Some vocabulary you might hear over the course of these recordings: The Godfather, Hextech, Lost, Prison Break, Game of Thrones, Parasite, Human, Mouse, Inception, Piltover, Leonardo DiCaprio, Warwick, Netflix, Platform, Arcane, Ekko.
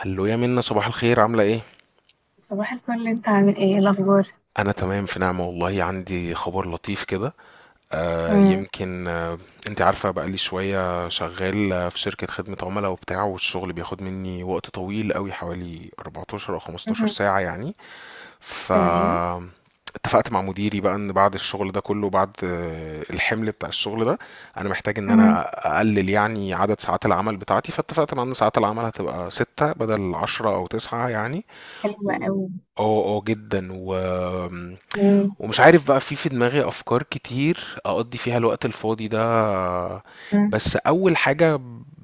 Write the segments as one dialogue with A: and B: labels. A: هلو يا منى، صباح الخير، عاملة ايه؟
B: صباح الفل، انت عامل ايه؟ ايه الاخبار؟
A: أنا تمام في نعمة والله. عندي خبر لطيف كده. آه
B: مم.
A: يمكن آه انت عارفة بقالي شوية شغال في شركة خدمة عملاء وبتاع، والشغل بياخد مني وقت طويل قوي، حوالي 14 أو 15
B: مهم.
A: ساعة يعني. ف
B: تمام.
A: اتفقت مع مديري بقى ان بعد الشغل ده كله، بعد الحمل بتاع الشغل ده انا محتاج ان
B: مهم.
A: انا اقلل يعني عدد ساعات العمل بتاعتي، فاتفقت مع ان ساعات العمل هتبقى ستة بدل عشرة او تسعة يعني.
B: حلوة
A: و-
B: قوي.
A: اه جدا
B: مم.
A: ومش عارف بقى في دماغي افكار كتير اقضي فيها الوقت الفاضي ده.
B: مم.
A: بس اول حاجة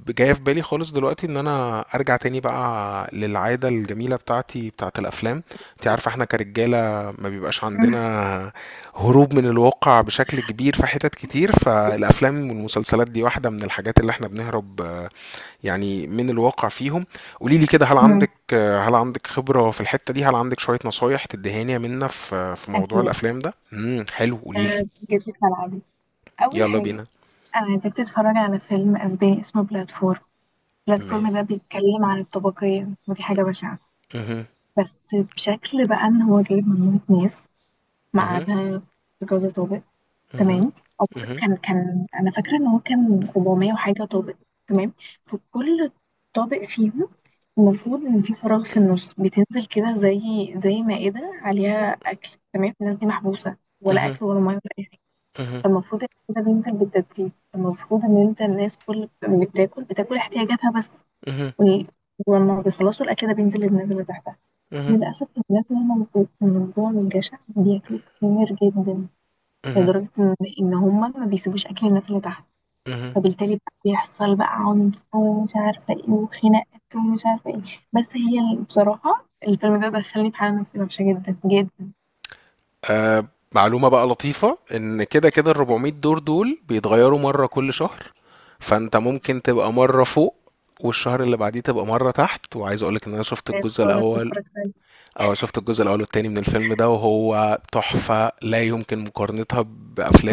A: جاية في بالي خالص دلوقتي ان انا ارجع تاني بقى للعادة الجميلة بتاعتي بتاعت الافلام. انت عارفة احنا كرجالة ما بيبقاش عندنا هروب من الواقع بشكل كبير في حتت كتير، فالافلام والمسلسلات دي واحدة من الحاجات اللي احنا بنهرب يعني من الواقع فيهم. قولي لي كده، هل
B: مهم.
A: عندك هل عندك خبرة في الحتة دي؟ هل عندك شوية نصايح تدهاني منا في موضوع
B: اكيد.
A: الأفلام ده؟ حلو، قولي لي.
B: آه، جيت لي في ملعبي. اول
A: يلا
B: حاجه،
A: بينا.
B: انا عايزاك تتفرج على فيلم اسباني اسمه بلاتفورم. بلاتفورم ده
A: م-
B: بيتكلم عن الطبقيه، ودي حاجه بشعه،
A: مهم.
B: بس بشكل بقى ان هو جايب مجموعه ناس
A: مهم.
B: مقعدها في كذا طابق.
A: مهم.
B: تمام او
A: مهم.
B: كان انا فاكره ان هو كان 400 وحاجه طابق. تمام، فكل طابق فيهم المفروض ان في فراغ في النص بتنزل كده، زي زي مائده عليها اكل. تمام، الناس دي محبوسه،
A: مهم.
B: ولا
A: مهم.
B: اكل ولا ميه ولا اي حاجه،
A: مهم.
B: فالمفروض ان كده بينزل بالتدريج. المفروض ان الناس كل اللي بتاكل بتاكل احتياجاتها بس، وال- ولما بيخلصوا الاكل ده بينزل للناس اللي تحتها.
A: مهم.
B: للاسف الناس اللي هم من جوه من الجشع بياكلوا كتير جدا،
A: مهم.
B: لدرجة إن هما ما بيسيبوش أكل الناس اللي تحت،
A: مهم.
B: فبالتالي بقى بيحصل بقى عنف ومش عارفة إيه وخناقات ومش عارفة إيه. بصراحة الفيلم ده دخلني في حالة نفسية وحشة جدا جدا.
A: آه، معلومة بقى لطيفة، ان كده كده ال 400 دور دول بيتغيروا مرة كل شهر. فانت ممكن تبقى مرة فوق والشهر اللي بعديه تبقى مرة تحت. وعايز اقولك ان انا شفت
B: يا
A: الجزء
B: خسارة كنت
A: الاول.
B: اتفرجت عليه!
A: اه، شفت الجزء الاول والتاني من الفيلم ده، وهو تحفة لا يمكن مقارنتها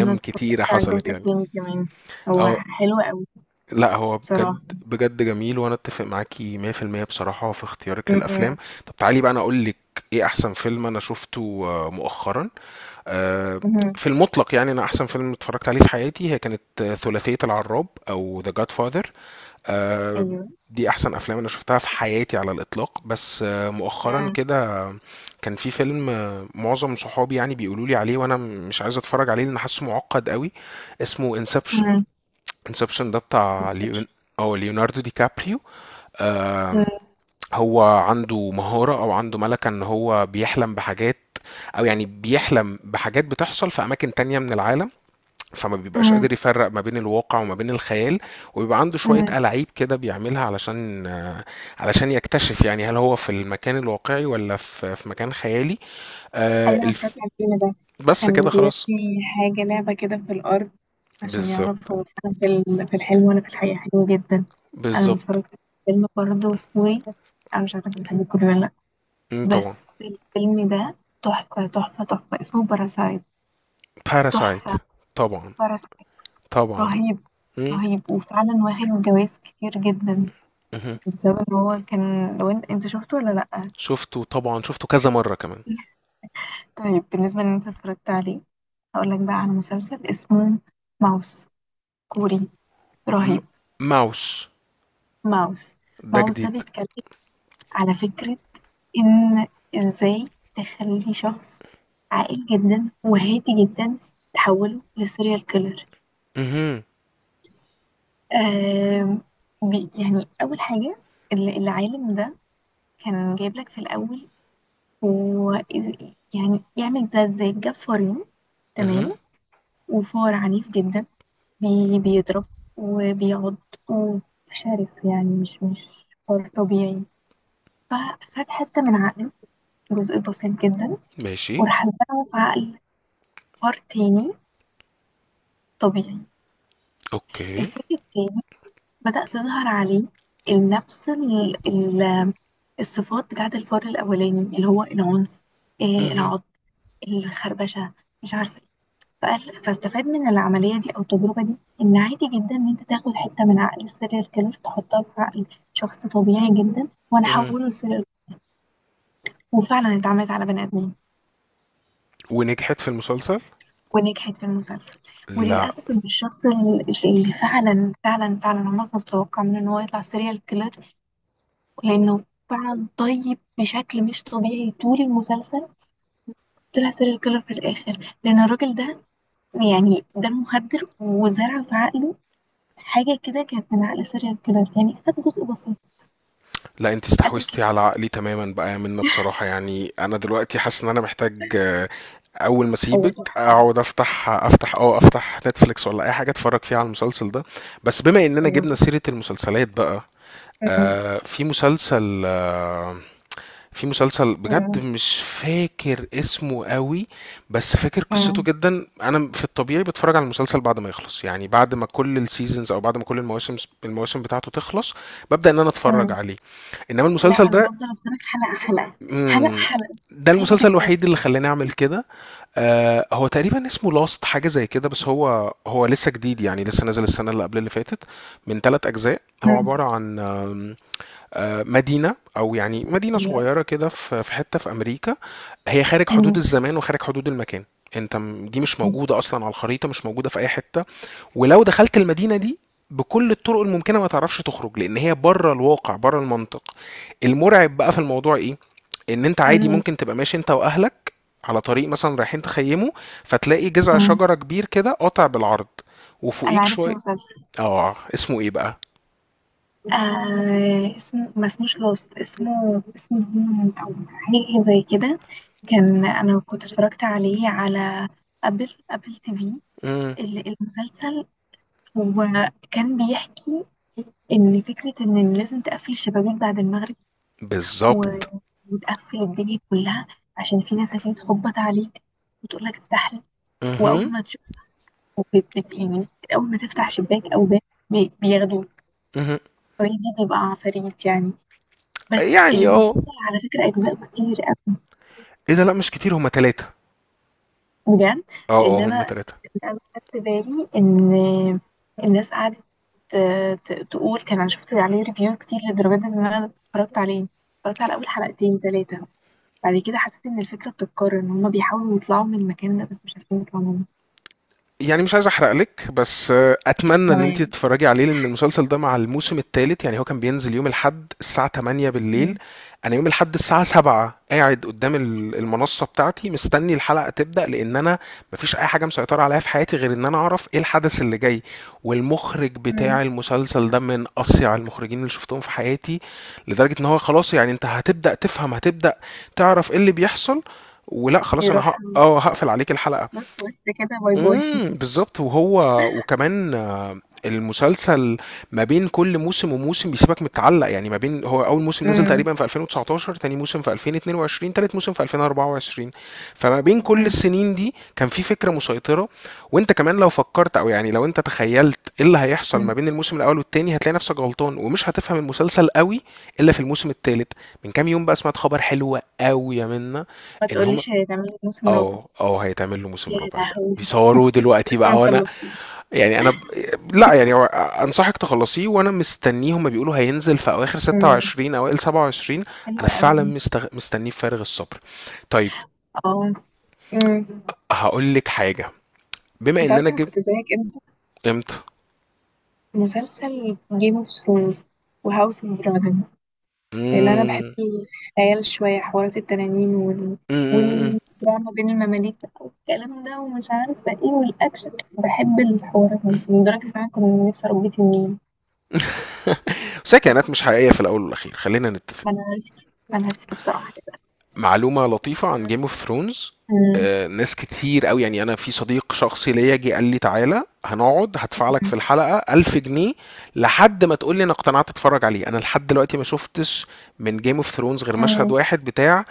B: أنا اتفرجت
A: كتيرة
B: على
A: حصلت
B: الجزء
A: يعني.
B: التاني كمان، هو
A: او
B: حلو أوي
A: لا، هو
B: بصراحة.
A: بجد بجد جميل، وانا اتفق معاكي 100% بصراحة في
B: م-
A: اختيارك للافلام.
B: م-
A: طب تعالي بقى انا اقول لك ايه احسن فيلم انا شفته مؤخرا. آه،
B: م-
A: في المطلق يعني، انا احسن فيلم اتفرجت عليه في حياتي هي كانت ثلاثية العراب او The Godfather. آه،
B: أيوه.
A: دي احسن افلام انا شفتها في حياتي على الاطلاق. بس مؤخرا
B: م-
A: كده كان في فيلم، معظم صحابي يعني بيقولوا لي عليه وانا مش عايز اتفرج عليه لان حاسه معقد قوي. اسمه انسبشن.
B: م-
A: انسبشن ده بتاع ليون
B: Inception.
A: او ليوناردو دي كابريو. آم، هو عنده مهارة او عنده ملكة ان هو بيحلم بحاجات او يعني بيحلم بحاجات بتحصل في اماكن تانية من العالم، فما بيبقاش
B: م-
A: قادر يفرق ما بين الواقع وما بين الخيال. وبيبقى عنده شوية
B: م-
A: ألاعيب كده بيعملها علشان علشان يكتشف يعني هل هو في المكان الواقعي ولا في مكان خيالي. آه،
B: أيوة، أنا اتفرجت
A: الف-
B: على الفيلم ده.
A: بس
B: كان
A: كده خلاص.
B: بيرمي حاجة لعبة كده في الأرض عشان يعرف
A: بالظبط،
B: هو أنا في في الحلم وأنا في الحقيقة. حلو جدا. أنا
A: بالظبط.
B: اتفرجت على فيلم برضه كوري، أنا مش عارفة أنت بتحب الكوري ولا لأ،
A: طبعا.
B: بس الفيلم ده تحفة تحفة تحفة، اسمه باراسايت.
A: باراسايت.
B: تحفة.
A: طبعا.
B: باراسايت.
A: طبعا.
B: رهيب.
A: مم،
B: رهيب، وفعلا واخد جوايز كتير جدا
A: مهم.
B: بسبب ان هو كان. لو انت شفته ولا لأ؟
A: شفته طبعا، شفته كذا مرة كمان.
B: طيب بالنسبة ان انت اتفرجت عليه، هقول لك بقى على مسلسل اسمه ماوس. كوري.
A: م-
B: رهيب.
A: ماوس
B: ماوس
A: ده
B: ماوس ده
A: جديد؟
B: بيتكلم على فكرة إن إزاي تخلي شخص عاقل جدا وهادي جدا تحوله لسيريال كيلر.
A: مهم.
B: آم، أول حاجة، العالم ده كان جايب لك في الأول هو يعمل ده إزاي. جاب فارين،
A: مهم.
B: تمام، وفار عنيف جدا، بيضرب وبيعض وشرس، يعني مش فار طبيعي. فخد حتة من عقله، جزء بسيط جدا،
A: ماشي.
B: وراح نزرعه في عقل فار تاني طبيعي.
A: اوكي.
B: الفار التاني بدأ تظهر عليه نفس الصفات بتاعة الفار الأولاني، اللي هو العنف،
A: مهم.
B: العض، الخربشة، مش عارفة ايه. فاستفاد من العملية دي أو التجربة دي إن عادي جدا إن أنت تاخد حتة من عقل السيريال كيلر تحطها في عقل شخص طبيعي جدا وأنا
A: مهم.
B: أحوله لسيريال. وفعلا اتعملت على بني آدمين.
A: ونجحت في المسلسل.
B: ونجحت في المسلسل.
A: لا.
B: وللأسف إن الشخص اللي فعلا فعلا فعلا عمرك ما تتوقع منه إن هو يطلع سيريال كيلر، لأنه فعلا طيب بشكل مش طبيعي طول المسلسل، طلع سيريال كيلر في الآخر، لأن الراجل ده يعني ده مخدر وزرع في عقله حاجة كده كانت من عقل سيريال كيلر، يعني خد جزء بسيط.
A: لا انت
B: قال لك.
A: استحوذتي على عقلي تماما بقى يا منى، بصراحة يعني. انا دلوقتي حاسس ان انا محتاج اول ما
B: هو
A: اسيبك
B: تحفة.
A: اقعد افتح نتفليكس ولا اي حاجه اتفرج فيها على المسلسل ده. بس بما اننا
B: هو
A: جبنا
B: تحفة
A: سيره
B: بصراحة.
A: المسلسلات بقى،
B: أمم،
A: في مسلسل، في مسلسل بجد
B: أمم،
A: مش فاكر اسمه قوي. بس فاكر قصته
B: أمم،
A: جدا. انا في الطبيعي بتفرج على المسلسل بعد ما يخلص، يعني بعد ما كل السيزونز او بعد ما كل المواسم، المواسم بتاعته تخلص ببدأ ان انا اتفرج
B: أمم.
A: عليه. انما
B: لا،
A: المسلسل
B: أنا
A: ده،
B: بفضل أستنى حلقة حلقة حلقة
A: مم،
B: حلقة.
A: ده
B: عادي
A: المسلسل
B: جدا.
A: الوحيد اللي خلاني اعمل كده. آه، هو تقريبا اسمه لاست حاجة زي كده. بس هو هو لسه جديد يعني، لسه نازل السنة اللي قبل اللي فاتت. من ثلاث أجزاء. هو عبارة
B: أمم.
A: عن آم، آه، مدينة، أو يعني مدينة صغيرة كده في في حتة في أمريكا، هي خارج حدود
B: مم.
A: الزمان وخارج حدود المكان. أنت دي مش موجودة أصلا على الخريطة، مش موجودة في أي حتة. ولو دخلت المدينة دي بكل الطرق الممكنة ما تعرفش تخرج، لأن هي بره الواقع، بره المنطق. المرعب بقى في الموضوع إيه؟ إن أنت عادي
B: آه،
A: ممكن تبقى ماشي أنت وأهلك على طريق مثلا رايحين تخيموا، فتلاقي جذع
B: آه،
A: شجرة كبير كده قاطع بالعرض
B: انا
A: وفوقيك
B: عرفت
A: شوية.
B: المسلسل.
A: اه، اسمه ايه بقى؟
B: آه، اسمه ما اسموش لوست، اسمه اسمه هيومن او حاجه زي كده. كان انا كنت اتفرجت عليه على ابل تي في.
A: مم.
B: المسلسل هو كان بيحكي ان فكره ان لازم تقفل الشبابيك بعد المغرب و-
A: بالظبط.
B: وتقفل الدنيا كلها، عشان في ناس هتيجي تخبط عليك وتقول لك افتح لي، واول
A: مهم.
B: ما تشوف، بت- بت- يعني اول ما تفتح شباك او باب بياخدوك.
A: مهم.
B: هويدي بيبقى عفاريت يعني. بس
A: يعني
B: المسلسل
A: اه.
B: على فكرة أجزاء كتير أوي،
A: ايه ده؟ لا، مش كتير، هما تلاتة.
B: بجد،
A: اه
B: لأن
A: اه، هما تلاتة.
B: أنا خدت بالي إن الناس قعدت تقول. كان أنا شفت عليه ريفيو كتير لدرجة إن أنا اتفرجت عليه. اتفرجت على أول حلقتين تلاتة، بعد كده حسيت إن الفكرة بتتكرر، إن هما بيحاولوا يطلعوا من المكان ده بس مش عارفين يطلعوا منه.
A: يعني مش عايز احرق لك، بس اتمنى ان انت
B: تمام.
A: تتفرجي عليه، لان المسلسل ده مع الموسم الثالث يعني هو كان بينزل يوم الاحد الساعه 8 بالليل.
B: مم.
A: انا يوم الاحد الساعه 7 قاعد قدام المنصه بتاعتي مستني الحلقه تبدا، لان انا مفيش اي حاجه مسيطره عليها في حياتي غير ان انا اعرف ايه الحدث اللي جاي. والمخرج
B: مم.
A: بتاع المسلسل ده من اصيع المخرجين اللي شفتهم في حياتي. لدرجه ان هو خلاص يعني، انت هتبدا تفهم، هتبدا تعرف ايه اللي بيحصل، ولا خلاص انا
B: يروح
A: هق... اه هقفل عليك الحلقه.
B: بلوت تويست كده، باي باي.
A: امم، بالظبط. وهو وكمان المسلسل ما بين كل موسم وموسم بيسيبك متعلق. يعني ما بين، هو اول موسم نزل
B: مم.
A: تقريبا في 2019، تاني موسم في 2022، تالت موسم في 2024، فما بين كل
B: مم.
A: السنين دي كان في فكرة مسيطرة. وانت كمان لو فكرت او يعني لو انت تخيلت ايه اللي هيحصل ما
B: مم.
A: بين الموسم الاول والتاني هتلاقي نفسك غلطان ومش هتفهم المسلسل قوي الا في الموسم التالت. من كام يوم بقى سمعت خبر حلو قوي يا منا،
B: ما
A: ان هم،
B: تقوليش هتعملي موسم رابع!
A: اه اه، هيتعمل له موسم
B: يا
A: رابع بقى،
B: لهوي،
A: بيصوروه دلوقتي
B: لسه
A: بقى.
B: ما
A: وانا
B: خلصتوش!
A: يعني انا ب... لا يعني، هو انصحك تخلصيه وانا مستنيه. هما بيقولوا هينزل في اواخر
B: امم،
A: 26 اوائل 27. انا
B: حلوة
A: فعلا
B: قوي.
A: مستنيه بفارغ الصبر. طيب،
B: اه. امم.
A: هقول لك حاجه. بما
B: انت
A: ان
B: عارفة
A: انا
B: انا
A: جبت،
B: كنت زيك امتى؟
A: امتى؟
B: مسلسل جيم اوف ثرونز وهاوس اوف دراجون، لان انا بحب
A: امم،
B: الخيال شوية، حوارات التنانين
A: امم.
B: والصراع ما بين المماليك بقى والكلام ده ومش عارفة ايه والاكشن، بحب الحوارات دي، لدرجة ان انا كنت نفسي اربي تنين.
A: بس هي كائنات
B: والله
A: مش حقيقيه في الاول والاخير، خلينا نتفق.
B: ما انا عرفت بصراحة دلوقتي.
A: معلومة لطيفة عن جيم اوف ثرونز: ناس كتير قوي يعني، انا في صديق شخصي ليا جه قال لي تعالى هنقعد هدفع لك في الحلقة 1000 جنيه لحد ما تقول لي انا اقتنعت اتفرج عليه. انا لحد دلوقتي ما شفتش من جيم اوف ثرونز غير مشهد
B: امم.
A: واحد بتاع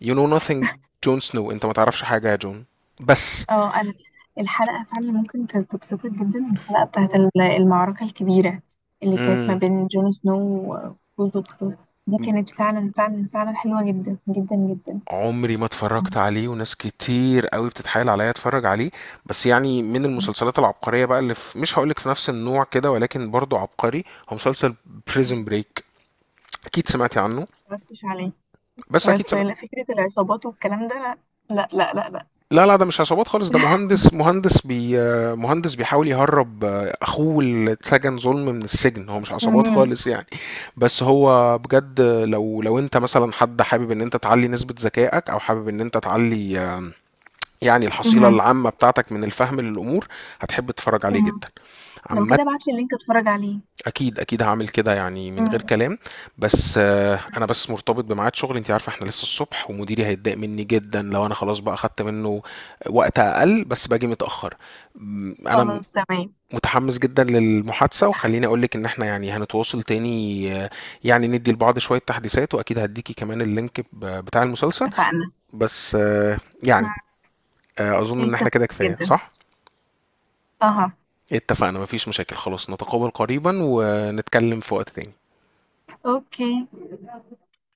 A: يو نو nothing. جون سنو، انت ما تعرفش حاجة يا جون. بس.
B: اه انا. الحلقه فعلا ممكن تبسطك جدا، الحلقه بتاعت المعركه الكبيره اللي كانت ما
A: مم.
B: بين جون سنو وجوز اخته، دي كانت فعلا فعلا فعلا حلوه جدا جدا جدا.
A: عمري ما
B: كان-
A: اتفرجت عليه وناس كتير قوي بتتحايل عليا اتفرج عليه. بس يعني، من المسلسلات العبقرية بقى اللي، في، مش هقولك في نفس النوع كده ولكن برضو عبقري، هو مسلسل
B: ما
A: بريزن بريك. اكيد سمعتي عنه؟
B: اتفرجتش عليه،
A: بس اكيد
B: بس
A: سمعت.
B: لا، فكره العصابات والكلام ده لا. لا لا لا لا.
A: لا لا، ده مش عصابات خالص، ده مهندس، مهندس بي آه، مهندس بيحاول يهرب اخوه اللي اتسجن ظلم من السجن. هو مش عصابات
B: مم.
A: خالص يعني. بس هو بجد، لو لو انت مثلا حد حابب ان انت تعلي نسبة ذكائك او حابب ان انت تعلي يعني الحصيلة
B: مم.
A: العامة بتاعتك من الفهم للأمور، هتحب تتفرج عليه
B: مم.
A: جدا.
B: لو
A: عامة،
B: كده ابعت لي اللينك اتفرج عليه.
A: أكيد أكيد هعمل كده يعني، من غير
B: مم.
A: كلام. بس أنا بس مرتبط بميعاد شغل. أنت عارفة إحنا لسه الصبح، ومديري هيتضايق مني جدا لو أنا خلاص بقى أخدت منه وقت أقل بس باجي متأخر. م، أنا م-
B: خلاص تمام،
A: متحمس جدا للمحادثة، وخليني أقولك إن إحنا يعني هنتواصل تاني، يعني ندي لبعض شوية تحديثات، وأكيد هديكي كمان اللينك بتاع المسلسل.
B: اتفقنا.
A: بس يعني
B: مم.
A: أظن إن إحنا
B: اتفقنا
A: كده كفاية،
B: جدا.
A: صح؟
B: اها.
A: اتفقنا، مفيش مشاكل خلاص، نتقابل قريبا ونتكلم في وقت تاني.
B: اوكي.